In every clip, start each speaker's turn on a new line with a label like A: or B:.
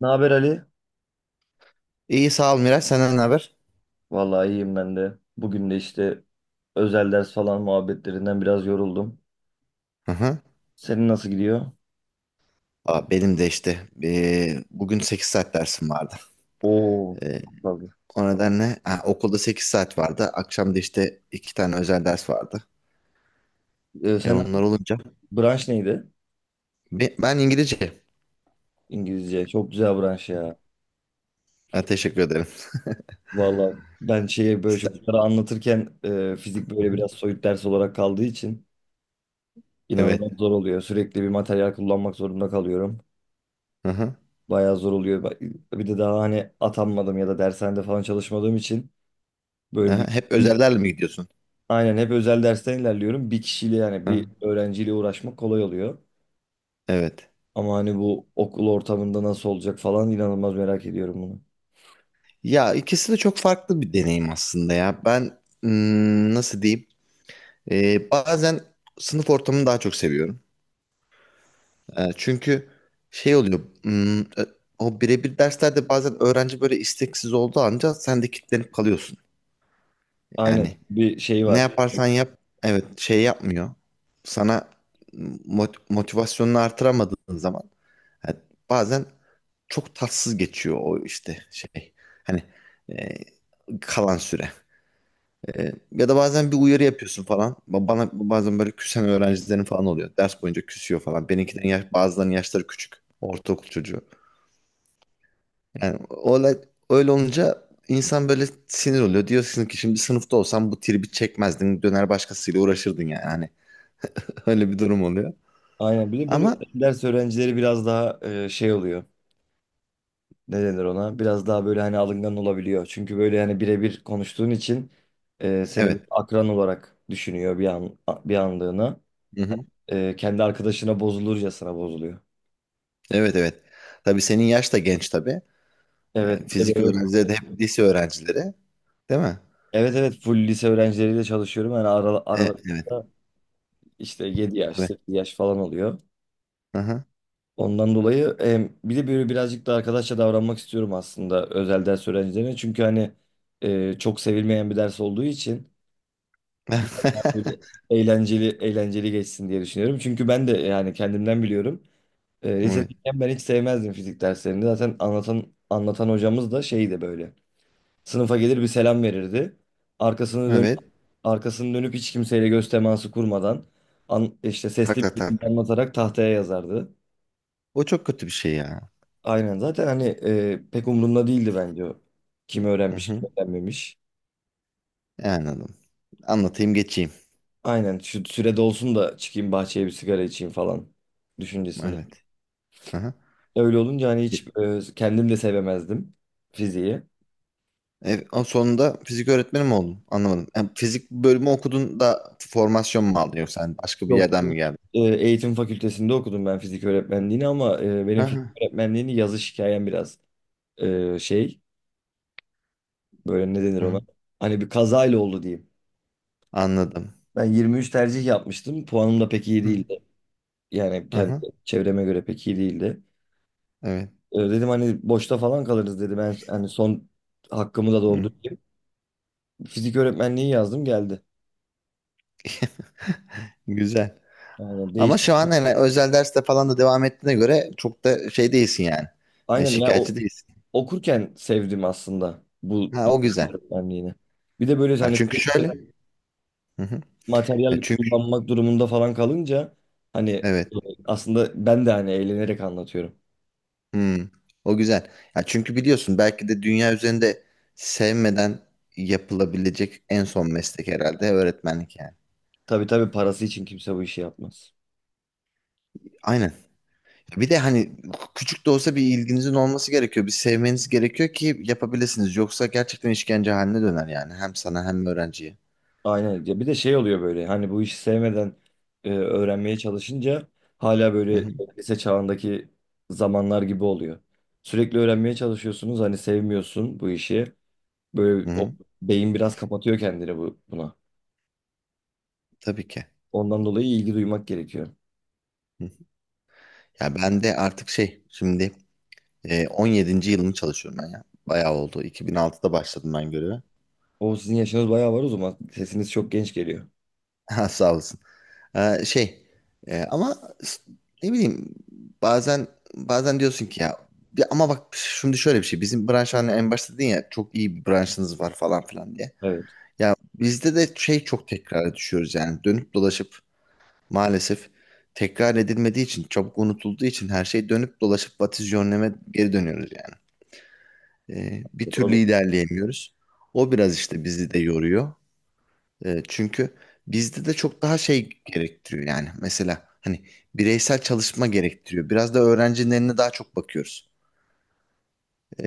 A: Ne haber Ali?
B: İyi sağ ol Miraç. Senden ne haber?
A: Vallahi iyiyim ben de. Bugün de işte özel ders falan muhabbetlerinden biraz yoruldum.
B: Hı hı.
A: Senin nasıl gidiyor?
B: Aa, benim de işte bugün 8 saat dersim vardı.
A: Oo,
B: Eee,
A: tabii.
B: O nedenle okulda 8 saat vardı. Akşam da işte 2 tane özel ders vardı.
A: Ee, sen
B: Onlar olunca.
A: branş neydi?
B: Ben İngilizce.
A: İngilizce. Çok güzel branş ya.
B: Ha, teşekkür ederim.
A: Vallahi ben şeye böyle
B: Sen-
A: çocuklara anlatırken fizik
B: Hı
A: böyle
B: hı.
A: biraz soyut ders olarak kaldığı için
B: Evet.
A: inanılmaz zor oluyor. Sürekli bir materyal kullanmak zorunda kalıyorum.
B: Hı hı.
A: Bayağı zor oluyor. Bir de daha hani atanmadım ya da dershanede falan çalışmadığım için
B: Hı
A: böyle
B: hı.
A: bir...
B: Hep özellerle mi gidiyorsun?
A: Aynen hep özel dersten ilerliyorum. Bir kişiyle yani
B: Hı.
A: bir öğrenciyle uğraşmak kolay oluyor.
B: Evet.
A: Ama hani bu okul ortamında nasıl olacak falan inanılmaz merak ediyorum bunu.
B: Ya ikisi de çok farklı bir deneyim aslında ya. Ben nasıl diyeyim? Bazen sınıf ortamını daha çok seviyorum. Çünkü şey oluyor. O birebir derslerde bazen öğrenci böyle isteksiz olduğu anca sen de kilitlenip kalıyorsun.
A: Aynen
B: Yani
A: bir şey
B: ne
A: var.
B: yaparsan yap, evet, şey yapmıyor. Sana motivasyonunu artıramadığın zaman yani bazen çok tatsız geçiyor o işte şey. Hani e, kalan süre. Ya da bazen bir uyarı yapıyorsun falan. Bana bazen böyle küsen öğrencilerin falan oluyor. Ders boyunca küsüyor falan. Bazılarının yaşları küçük. Ortaokul çocuğu. Yani olay öyle olunca insan böyle sinir oluyor. Diyorsun ki şimdi sınıfta olsam bu tribi çekmezdin. Döner başkasıyla uğraşırdın yani. Hani öyle bir durum oluyor.
A: Aynen bir de böyle
B: Ama
A: özel ders öğrencileri biraz daha şey oluyor. Ne denir ona? Biraz daha böyle hani alıngan olabiliyor. Çünkü böyle hani birebir konuştuğun için seni bir
B: evet.
A: akran olarak düşünüyor bir anlığına.
B: Hı hı.
A: Kendi arkadaşına bozulurcasına bozuluyor.
B: Evet, evet. Tabii, senin yaş da genç tabii.
A: Evet, bir de
B: Fizik
A: böyle,
B: öğrencileri de hep lise öğrencileri. Değil mi?
A: evet evet full lise öğrencileriyle çalışıyorum.
B: E, evet.
A: İşte 7 yaş,
B: Evet.
A: 8 yaş falan oluyor.
B: Aha.
A: Ondan dolayı bir de böyle birazcık da arkadaşça davranmak istiyorum aslında özel ders öğrencilerine. Çünkü hani çok sevilmeyen bir ders olduğu için biraz daha böyle eğlenceli eğlenceli geçsin diye düşünüyorum. Çünkü ben de yani kendimden biliyorum. E,
B: Evet.
A: lisedeyken ben hiç sevmezdim fizik derslerini. Zaten anlatan anlatan hocamız da şeydi böyle. Sınıfa gelir bir selam verirdi. Arkasını dönüp
B: Evet.
A: arkasını dönüp hiç kimseyle göz teması kurmadan işte
B: Tak
A: sesli
B: tak
A: bir
B: tak.
A: şekilde
B: Tak.
A: anlatarak tahtaya yazardı.
B: O çok kötü bir şey ya.
A: Aynen zaten hani pek umurunda değildi bence o. Kim
B: Hı
A: öğrenmiş, kim
B: hı.
A: öğrenmemiş.
B: Anladım. Anlatayım geçeyim.
A: Aynen şu süre dolsun da çıkayım bahçeye bir sigara içeyim falan düşüncesinde.
B: Evet. Hı hı.
A: Öyle olunca hani
B: E,
A: hiç kendim de sevemezdim fiziği.
B: Sonunda fizik öğretmeni mi oldun? Anlamadım. Fizik bölümü okudun da formasyon mu aldın, yoksa hani başka bir
A: Yok.
B: yerden mi geldin?
A: Eğitim fakültesinde okudum ben fizik öğretmenliğini ama
B: Hı
A: benim fizik
B: hı.
A: öğretmenliğini yazış hikayem biraz şey... Böyle ne denir
B: Hı hı.
A: ona? Hani bir kazayla oldu diyeyim.
B: Anladım.
A: Ben 23 tercih yapmıştım. Puanım da pek iyi
B: Hı hı.
A: değildi. Yani
B: Hı
A: kendi
B: hı.
A: çevreme göre pek iyi değildi.
B: Evet.
A: Dedim hani boşta falan kalırız dedim. Ben hani son hakkımı da
B: Hı.
A: doldurayım. Fizik öğretmenliği yazdım geldi.
B: Güzel.
A: Aynen
B: Ama
A: değişti.
B: şu an hani özel derste falan da devam ettiğine göre çok da şey değilsin yani.
A: Aynen ya o,
B: Şikayetçi değilsin.
A: okurken sevdim aslında bu
B: Ha, o güzel.
A: öğretmenliğini. Bir de böyle
B: Ha,
A: hani
B: çünkü
A: sürekli
B: şöyle. Hı hı. Ya
A: materyal
B: çünkü
A: kullanmak durumunda falan kalınca hani
B: evet.
A: aslında ben de hani eğlenerek anlatıyorum.
B: Hmm, o güzel. Ya çünkü biliyorsun, belki de dünya üzerinde sevmeden yapılabilecek en son meslek herhalde öğretmenlik yani.
A: Tabii tabii parası için kimse bu işi yapmaz.
B: Aynen. Bir de hani küçük de olsa bir ilginizin olması gerekiyor. Bir sevmeniz gerekiyor ki yapabilirsiniz. Yoksa gerçekten işkence haline döner yani. Hem sana hem öğrenciye.
A: Aynen. Ya bir de şey oluyor böyle hani bu işi sevmeden öğrenmeye çalışınca hala
B: Hı
A: böyle
B: hı.
A: lise çağındaki zamanlar gibi oluyor. Sürekli öğrenmeye çalışıyorsunuz hani sevmiyorsun bu işi.
B: Hı
A: Böyle o
B: hı.
A: beyin biraz kapatıyor kendini buna.
B: Tabii ki.
A: Ondan dolayı ilgi duymak gerekiyor.
B: Hı. Ya ben de artık şey şimdi 17. yılımı çalışıyorum ben ya. Bayağı oldu. 2006'da başladım ben göreve.
A: O sizin yaşınız bayağı var o zaman. Sesiniz çok genç geliyor.
B: Ha, sağ olasın. Şey ama s- ne bileyim, bazen bazen diyorsun ki ya ama bak, şimdi şöyle bir şey, bizim branş hani en başta dedin ya çok iyi bir branşınız var falan filan diye.
A: Evet.
B: Ya bizde de şey, çok tekrar düşüyoruz yani, dönüp dolaşıp maalesef tekrar edilmediği için, çabuk unutulduğu için her şey dönüp dolaşıp vatisyonleme geri dönüyoruz yani. Bir türlü
A: Doğru.
B: ilerleyemiyoruz. O biraz işte bizi de yoruyor. Çünkü bizde de çok daha şey gerektiriyor yani. Mesela hani bireysel çalışma gerektiriyor. Biraz da öğrencinin eline daha çok bakıyoruz.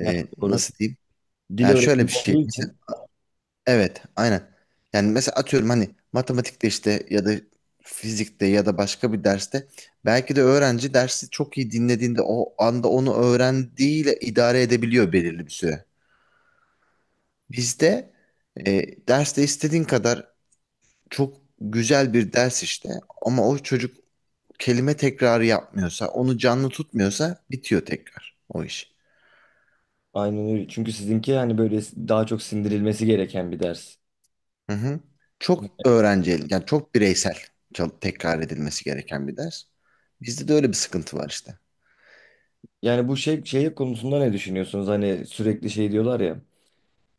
A: Yani doğru.
B: Nasıl diyeyim?
A: Dil
B: Yani şöyle
A: öğretimi
B: bir şey.
A: olduğu
B: Mesela,
A: için
B: evet, aynen. Yani mesela atıyorum hani matematikte işte, ya da fizikte, ya da başka bir derste belki de öğrenci dersi çok iyi dinlediğinde o anda onu öğrendiğiyle idare edebiliyor belirli bir süre. Bizde derste istediğin kadar çok güzel bir ders işte, ama o çocuk kelime tekrarı yapmıyorsa, onu canlı tutmuyorsa bitiyor tekrar o iş.
A: aynen öyle. Çünkü sizinki hani böyle daha çok sindirilmesi gereken bir ders.
B: Hı hı. Yani çok bireysel, tekrar edilmesi gereken bir ders. Bizde de öyle bir sıkıntı var işte.
A: Yani bu şey konusunda ne düşünüyorsunuz? Hani sürekli şey diyorlar ya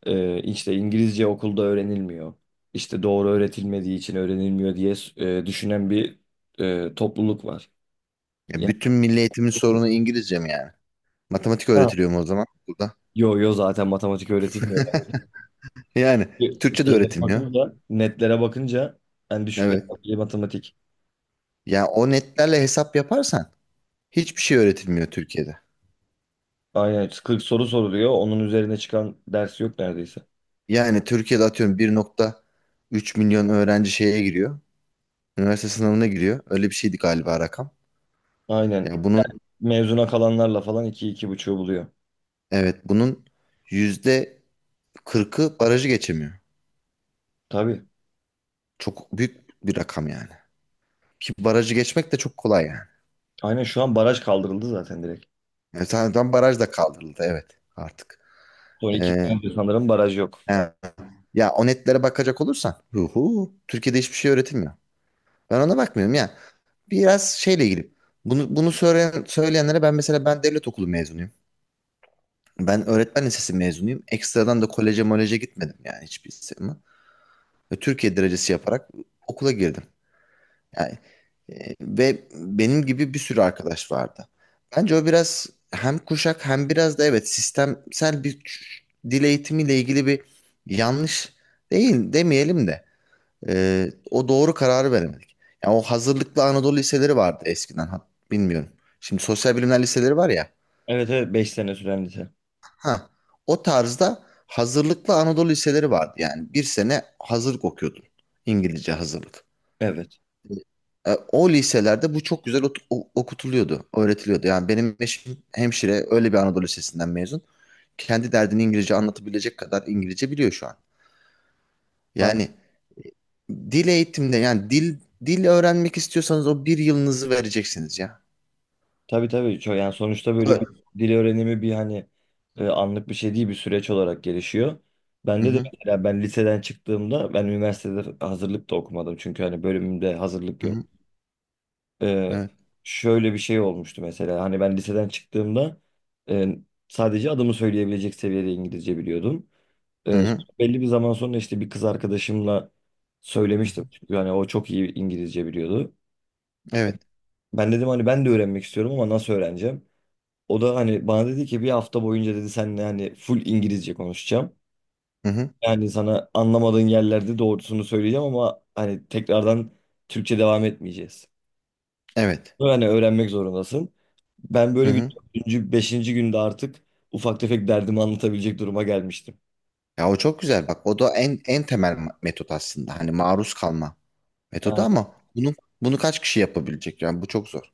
A: işte İngilizce okulda öğrenilmiyor. İşte doğru öğretilmediği için öğrenilmiyor diye düşünen bir topluluk var.
B: Ya
A: Yani,
B: bütün milli eğitimin sorunu İngilizce mi yani? Matematik
A: ha,
B: öğretiliyor mu o zaman burada?
A: yo yo zaten matematik öğretilmiyor.
B: Yani Türkçe de
A: Şeylere
B: öğretilmiyor.
A: bakınca, netlere bakınca en düşükler
B: Evet.
A: matematik.
B: Yani o netlerle hesap yaparsan hiçbir şey öğretilmiyor Türkiye'de.
A: Aynen 40 soru soruluyor. Onun üzerine çıkan ders yok neredeyse.
B: Yani Türkiye'de atıyorum 1,3 milyon öğrenci şeye giriyor. Üniversite sınavına giriyor. Öyle bir şeydi galiba rakam.
A: Aynen
B: Ya bunun,
A: mezuna kalanlarla falan iki, iki buçuğu buluyor.
B: evet, bunun %40'ı barajı geçemiyor.
A: Tabii.
B: Çok büyük bir rakam yani. Ki barajı geçmek de çok kolay yani.
A: Aynen şu an baraj kaldırıldı zaten direkt.
B: Yani zaten baraj da kaldırıldı, evet, artık.
A: Son iki
B: Ee,
A: senedir sanırım baraj yok.
B: yani ya o netlere bakacak olursan, hu hu, Türkiye'de hiçbir şey öğretilmiyor. Ben ona bakmıyorum ya. Biraz şeyle ilgili. Bunu söyleyenlere, mesela ben devlet okulu mezunuyum. Ben öğretmen lisesi mezunuyum. Ekstradan da koleje moleje gitmedim yani hiçbir zaman. Ve Türkiye derecesi yaparak okula girdim. Yani ve benim gibi bir sürü arkadaş vardı. Bence o biraz hem kuşak hem biraz da, evet, sistemsel bir dil eğitimiyle ilgili bir yanlış, değil demeyelim de. O doğru kararı veremedik. Yani o hazırlıklı Anadolu liseleri vardı eskiden. Ha, bilmiyorum. Şimdi sosyal bilimler liseleri var ya.
A: Evet evet 5 sene süren lise.
B: Ha, o tarzda hazırlıklı Anadolu liseleri vardı. Yani bir sene hazırlık okuyordun. İngilizce hazırlık.
A: Evet.
B: O liselerde bu çok güzel okutuluyordu, öğretiliyordu. Yani benim eşim hemşire, öyle bir Anadolu lisesinden mezun. Kendi derdini İngilizce anlatabilecek kadar İngilizce biliyor şu an. Yani
A: Aynen.
B: dil eğitimde yani dil öğrenmek istiyorsanız o bir yılınızı vereceksiniz ya.
A: Tabii tabii. Yani sonuçta böyle
B: Evet.
A: bir dil öğrenimi bir hani anlık bir şey değil bir süreç olarak gelişiyor.
B: Hı
A: Bende de
B: hı.
A: mesela ben liseden çıktığımda ben üniversitede hazırlık da okumadım. Çünkü hani bölümümde hazırlık
B: Hı
A: yok.
B: hı.
A: E,
B: Evet.
A: şöyle bir şey olmuştu mesela. Hani ben liseden çıktığımda e, sadece adımı söyleyebilecek seviyede İngilizce biliyordum.
B: Hı
A: Ee,
B: hı.
A: belli bir zaman sonra işte bir kız arkadaşımla
B: Hı
A: söylemiştim.
B: hı.
A: Çünkü hani o çok iyi İngilizce biliyordu.
B: Evet.
A: Ben dedim hani ben de öğrenmek istiyorum ama nasıl öğreneceğim? O da hani bana dedi ki bir hafta boyunca dedi seninle hani full İngilizce konuşacağım.
B: Hı hı.
A: Yani sana anlamadığın yerlerde doğrusunu söyleyeceğim ama hani tekrardan Türkçe devam etmeyeceğiz.
B: Evet.
A: Bunu hani öğrenmek zorundasın. Ben
B: Hı
A: böyle bir
B: hı.
A: dördüncü, beşinci günde artık ufak tefek derdimi anlatabilecek duruma gelmiştim.
B: Ya o çok güzel bak. O da en temel metot aslında. Hani maruz kalma metodu,
A: Yani
B: ama bunu kaç kişi yapabilecek? Yani bu çok zor.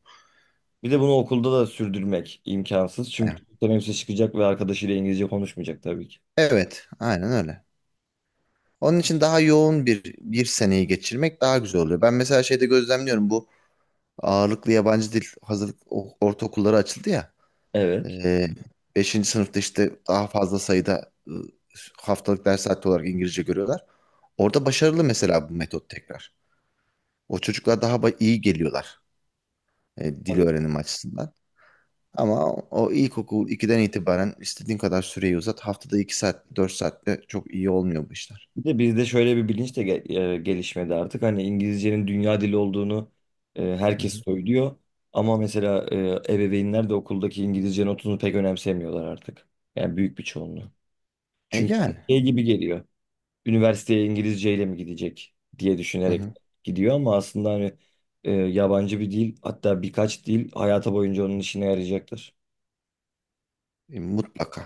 A: bir de bunu okulda da sürdürmek imkansız. Çünkü
B: Evet.
A: teneffüse çıkacak ve arkadaşıyla İngilizce konuşmayacak tabii ki.
B: Evet, aynen öyle. Onun için daha yoğun bir seneyi geçirmek daha güzel oluyor. Ben mesela şeyde gözlemliyorum, bu ağırlıklı yabancı dil hazırlık ortaokulları açıldı ya.
A: Evet.
B: Ee, 5. sınıfta işte daha fazla sayıda haftalık ders saati olarak İngilizce görüyorlar. Orada başarılı mesela bu metot tekrar. O çocuklar daha iyi geliyorlar, dil
A: Tabii.
B: öğrenimi açısından. Ama o ilkokul 2'den itibaren istediğin kadar süreyi uzat. Haftada 2 saat, 4 saatte çok iyi olmuyor bu işler.
A: Bir de bizde şöyle bir bilinç de gelişmedi artık. Hani İngilizcenin dünya dili olduğunu
B: Hı
A: herkes
B: hı.
A: söylüyor. Ama mesela ebeveynler de okuldaki İngilizce notunu pek önemsemiyorlar artık. Yani büyük bir çoğunluğu.
B: E
A: Çünkü
B: yani.
A: şey gibi geliyor. Üniversiteye İngilizceyle mi gidecek diye
B: Hı
A: düşünerek
B: hı.
A: gidiyor ama aslında hani yabancı bir dil hatta birkaç dil hayata boyunca onun işine yarayacaktır.
B: Mutlaka.